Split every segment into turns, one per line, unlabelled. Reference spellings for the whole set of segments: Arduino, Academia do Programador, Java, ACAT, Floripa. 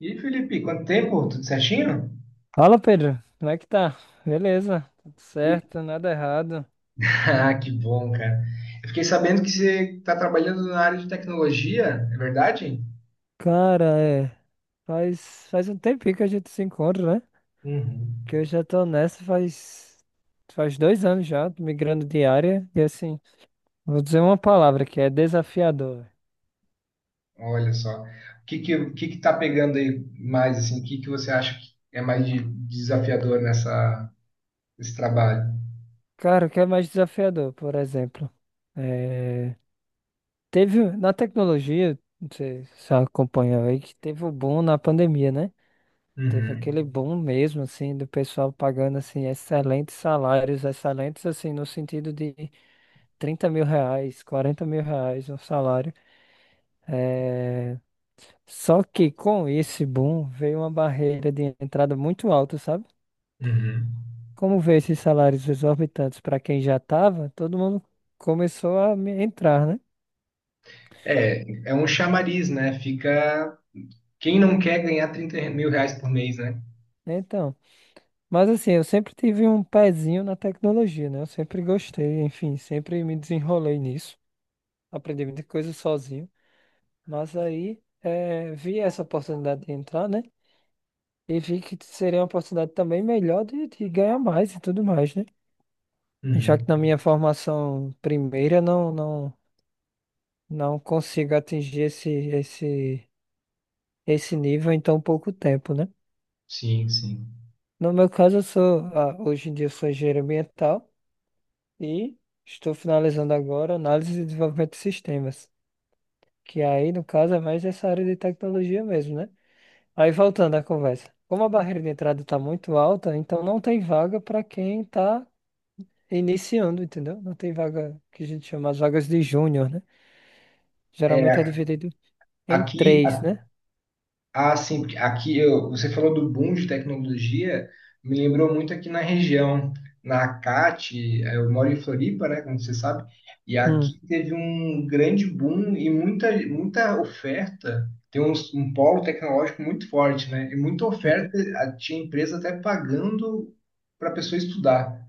E Felipe, quanto tempo? Tudo certinho?
Fala, Pedro. Como é que tá? Beleza, tudo
E-
certo, nada errado.
Ah, que bom, cara. Eu fiquei sabendo que você está trabalhando na área de tecnologia, é verdade?
Cara, é. Faz um tempinho que a gente se encontra, né?
Uhum.
Que eu já tô nessa faz dois anos já, tô migrando de área. E assim, vou dizer uma palavra que é desafiador.
Olha só. O que que tá pegando aí mais, assim? O que que você acha que é mais desafiador nesse trabalho?
Cara, o que é mais desafiador, por exemplo? É, teve na tecnologia, não sei se você acompanhou aí, que teve o boom na pandemia, né? Teve
Uhum.
aquele boom mesmo, assim, do pessoal pagando, assim, excelentes salários, excelentes, assim, no sentido de R$ 30.000, R$ 40.000 um salário. É... Só que com esse boom veio uma barreira de entrada muito alta, sabe?
Uhum.
Como veio esses salários exorbitantes para quem já estava, todo mundo começou a entrar, né?
É, é um chamariz, né? Fica. Quem não quer ganhar 30 mil reais por mês, né?
Então, mas assim, eu sempre tive um pezinho na tecnologia, né? Eu sempre gostei, enfim, sempre me desenrolei nisso. Aprendi muita coisa sozinho. Mas aí vi essa oportunidade de entrar, né? E vi que seria uma oportunidade também melhor de ganhar mais e tudo mais, né? Já que
Uhum.
na minha formação primeira não consigo atingir esse nível em tão pouco tempo, né?
Sim, sim.
No meu caso, eu sou hoje em dia eu sou engenheiro ambiental e estou finalizando agora análise e desenvolvimento de sistemas, que aí no caso é mais essa área de tecnologia mesmo, né? Aí voltando à conversa. Como a barreira de entrada está muito alta, então não tem vaga para quem está iniciando, entendeu? Não tem vaga que a gente chama as vagas de júnior, né? Geralmente é
É,
dividido em
aqui,
três, né?
ah, sim, porque você falou do boom de tecnologia, me lembrou muito aqui na região, na ACAT, eu moro em Floripa, né, como você sabe, e
Hum,
aqui teve um grande boom e muita oferta, tem um polo tecnológico muito forte, né, e muita oferta,
uhum.
tinha empresa até pagando para a pessoa estudar.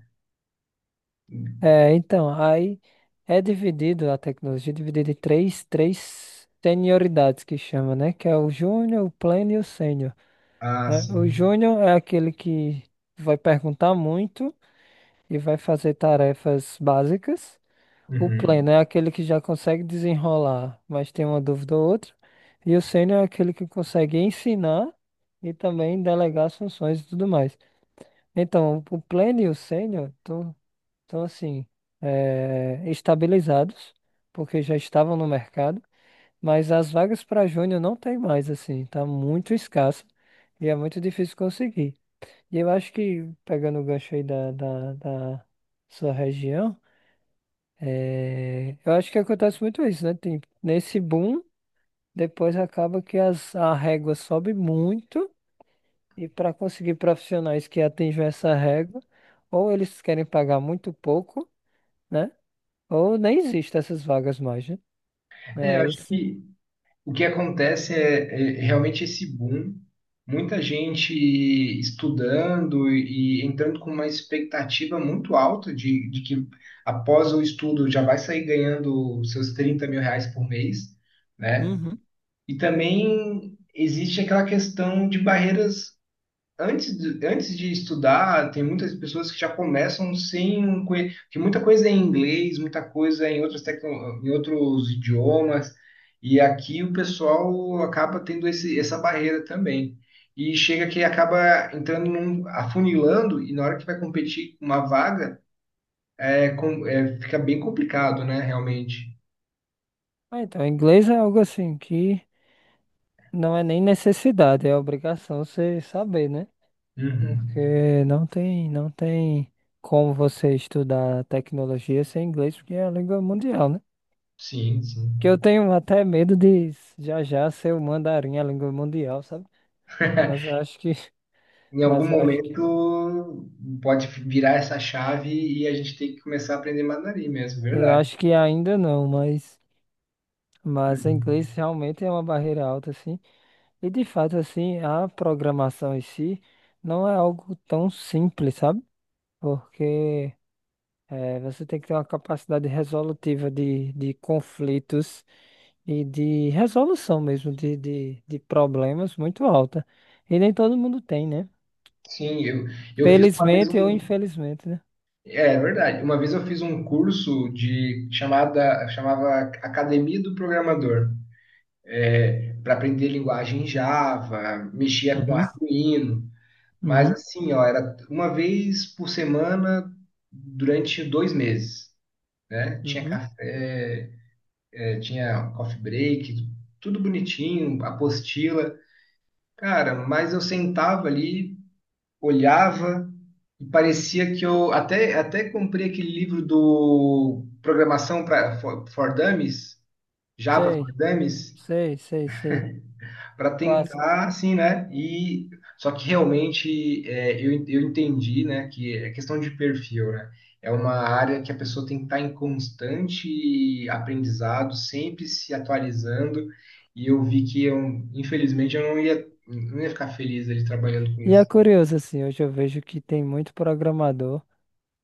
É, então, aí é dividido a tecnologia, é dividida em três, três senioridades que chama, né? Que é o júnior, o pleno e o sênior,
Ah,
né? O
sim.
júnior é aquele que vai perguntar muito e vai fazer tarefas básicas. O
Uhum.
pleno é aquele que já consegue desenrolar, mas tem uma dúvida ou outra. E o sênior é aquele que consegue ensinar e também delegar as funções e tudo mais. Então, o pleno e o sênior estão assim, estabilizados, porque já estavam no mercado, mas as vagas para júnior não tem mais, assim, tá muito escassa e é muito difícil conseguir. E eu acho que, pegando o gancho aí da sua região, é, eu acho que acontece muito isso, né? Tem, nesse boom, depois acaba que as, a régua sobe muito, e para conseguir profissionais que atinjam essa régua, ou eles querem pagar muito pouco, né? Ou nem existem essas vagas mais, né?
É, eu
É
acho
esse.
que o que acontece é, é realmente esse boom, muita gente estudando e entrando com uma expectativa muito alta de que após o estudo já vai sair ganhando seus 30 mil reais por mês, né?
Uhum.
E também existe aquela questão de barreiras. Antes de estudar, tem muitas pessoas que já começam sem um que muita coisa é em inglês, muita coisa é em outras em outros idiomas, e aqui o pessoal acaba tendo essa barreira também. E chega que acaba entrando num, afunilando, e na hora que vai competir com uma vaga, fica bem complicado, né, realmente.
Ah, então, inglês é algo assim que não é nem necessidade, é obrigação você saber, né?
Uhum.
Porque não tem, não tem como você estudar tecnologia sem inglês, porque é a língua mundial, né?
Sim, sim.
Que eu tenho até medo de já já ser o mandarim, a língua mundial, sabe? Mas eu acho que,
Em algum
mas eu acho que,
momento pode virar essa chave e a gente tem que começar a aprender mandarim mesmo,
eu
verdade.
acho que ainda não, mas o inglês realmente é uma barreira alta, assim. E de fato, assim, a programação em si não é algo tão simples, sabe? Porque você tem que ter uma capacidade resolutiva de conflitos e de resolução mesmo de problemas muito alta. E nem todo mundo tem, né?
Sim, eu, eu fiz uma vez
Felizmente ou
um,
infelizmente, né?
é é verdade, uma vez eu fiz um curso de chamava Academia do Programador, para aprender linguagem Java, mexia com
Uhum,
Arduino, mas
uhum,
assim, ó, era uma vez por semana durante 2 meses, né? Tinha
uhum.
café, tinha coffee break, tudo bonitinho, apostila. Cara, mas eu sentava ali, olhava e parecia que eu até comprei aquele livro do Programação for Dummies, Java for
Sei,
Dummies,
sei, sei, sei.
para
Clássico.
tentar, assim, né? E só que realmente é, eu entendi, né, que é questão de perfil, né? É uma área que a pessoa tem que estar em constante aprendizado, sempre se atualizando. E eu vi que eu, infelizmente, eu não ia, não ia ficar feliz ali trabalhando com
E é
isso.
curioso, assim, hoje eu vejo que tem muito programador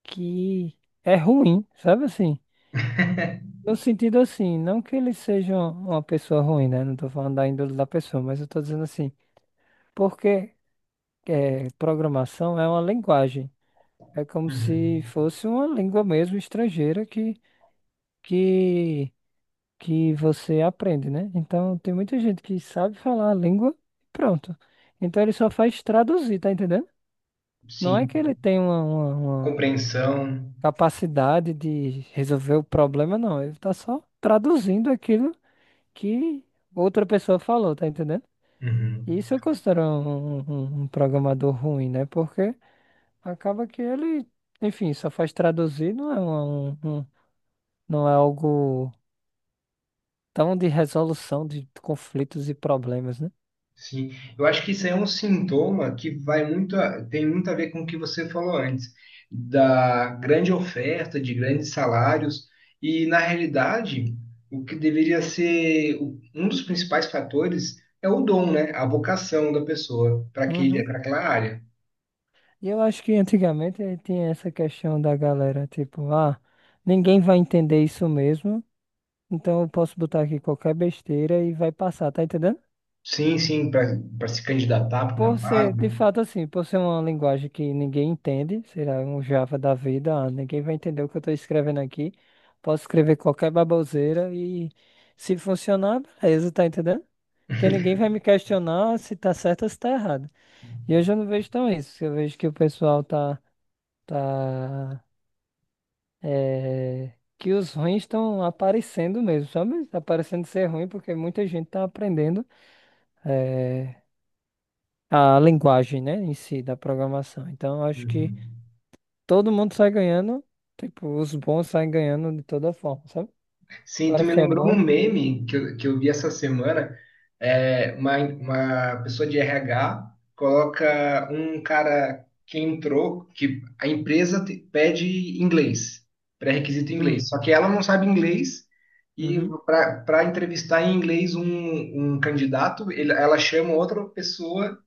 que é ruim, sabe assim? No sentido assim, não que ele seja uma pessoa ruim, né? Não tô falando da índole da pessoa, mas eu tô dizendo assim, porque é, programação é uma linguagem. É como se
Uhum.
fosse uma língua mesmo estrangeira que que você aprende, né? Então tem muita gente que sabe falar a língua e pronto. Então ele só faz traduzir, tá entendendo? Não é
Sim,
que ele tem uma, uma
compreensão.
capacidade de resolver o problema, não. Ele tá só traduzindo aquilo que outra pessoa falou, tá entendendo? E
Uhum.
isso eu considero um programador ruim, né? Porque acaba que ele, enfim, só faz traduzir, não é não é algo tão de resolução de conflitos e problemas, né?
Sim, eu acho que isso é um sintoma que vai tem muito a ver com o que você falou antes, da grande oferta, de grandes salários, e na realidade, o que deveria ser um dos principais fatores é o dom, né? A vocação da pessoa para
Uhum.
para aquela área.
E eu acho que antigamente tinha essa questão da galera, tipo, ah, ninguém vai entender isso mesmo, então eu posso botar aqui qualquer besteira e vai passar, tá entendendo?
Sim, sim, para se candidatar para
Por
uma
ser,
vaga.
de fato, assim, por ser uma linguagem que ninguém entende, será um Java da vida, ah, ninguém vai entender o que eu estou escrevendo aqui, posso escrever qualquer baboseira e se funcionar, beleza, tá entendendo? Porque ninguém vai me questionar se tá certo ou se tá errado. E hoje eu não vejo tão isso, eu vejo que o pessoal tá. Tá é, que os ruins estão aparecendo mesmo, sabe? Tá parecendo ser ruim porque muita gente está aprendendo é, a linguagem, né, em si da programação. Então, eu acho que todo mundo sai ganhando, tipo, os bons saem ganhando de toda forma, sabe?
Sim, tu
O
me
que é
lembrou um
bom.
meme que que eu vi essa semana. É, uma pessoa de RH coloca um cara que entrou, que a empresa pede inglês, pré-requisito inglês.
Hum,
Só que ela não sabe inglês e
uhum,
para entrevistar em inglês um candidato, ela chama outra pessoa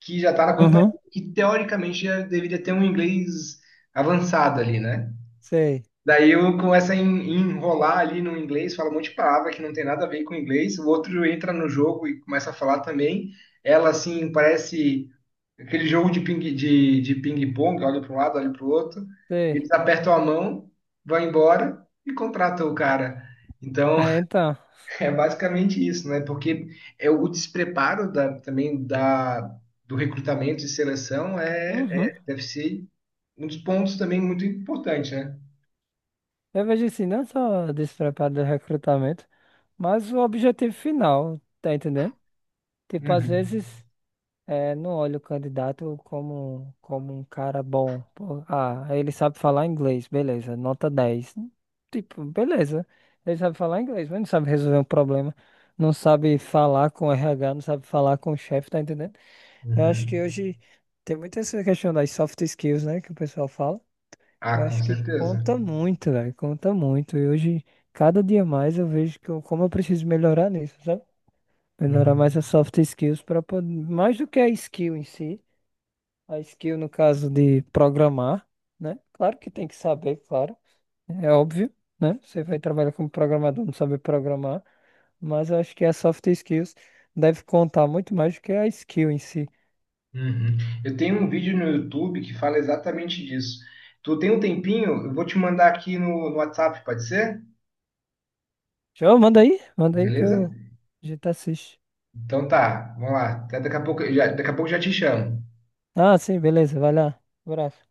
que já está na companhia
uhum,
e teoricamente já deveria ter um inglês avançado ali, né?
sei,
Daí eu começo a enrolar ali no inglês, fala um monte de palavra que não tem nada a ver com inglês. O outro entra no jogo e começa a falar também. Ela, assim, parece aquele jogo de de ping-pong, olha para um lado, olha para o outro.
sei.
Eles apertam a mão, vão embora e contratam o cara. Então,
É, então,
é basicamente isso, né? Porque é o despreparo também do recrutamento e seleção
uhum.
deve ser um dos pontos também muito importante, né?
Eu vejo assim, não só despreparo do recrutamento, mas o objetivo final, tá entendendo? Tipo, às
Uhum.
vezes. É, não olho o candidato como um cara bom. Pô, ah, ele sabe falar inglês, beleza, nota 10. Tipo, beleza, ele sabe falar inglês, mas não sabe resolver um problema, não sabe falar com o RH, não sabe falar com o chefe, tá entendendo? Eu acho que
Uhum.
hoje tem muito essa questão das soft skills, né, que o pessoal fala, que eu
Ah, com
acho que
certeza.
conta muito, velho, conta muito. E hoje, cada dia mais, eu vejo que eu, como eu preciso melhorar nisso, sabe? Melhorar
Uhum.
mais as soft skills para poder, mais do que a skill em si. A skill, no caso de programar, né? Claro que tem que saber, claro. É óbvio, né? Você vai trabalhar como programador, não saber programar. Mas eu acho que a soft skills deve contar muito mais do que a skill em si.
Uhum. Eu tenho um vídeo no YouTube que fala exatamente disso. Tu tem um tempinho? Eu vou te mandar aqui no WhatsApp, pode ser?
João, manda aí que
Beleza?
eu... a gente assiste.
Então tá, vamos lá. Até daqui a pouco já te chamo.
Ah, sim, beleza, vai lá. Abraço.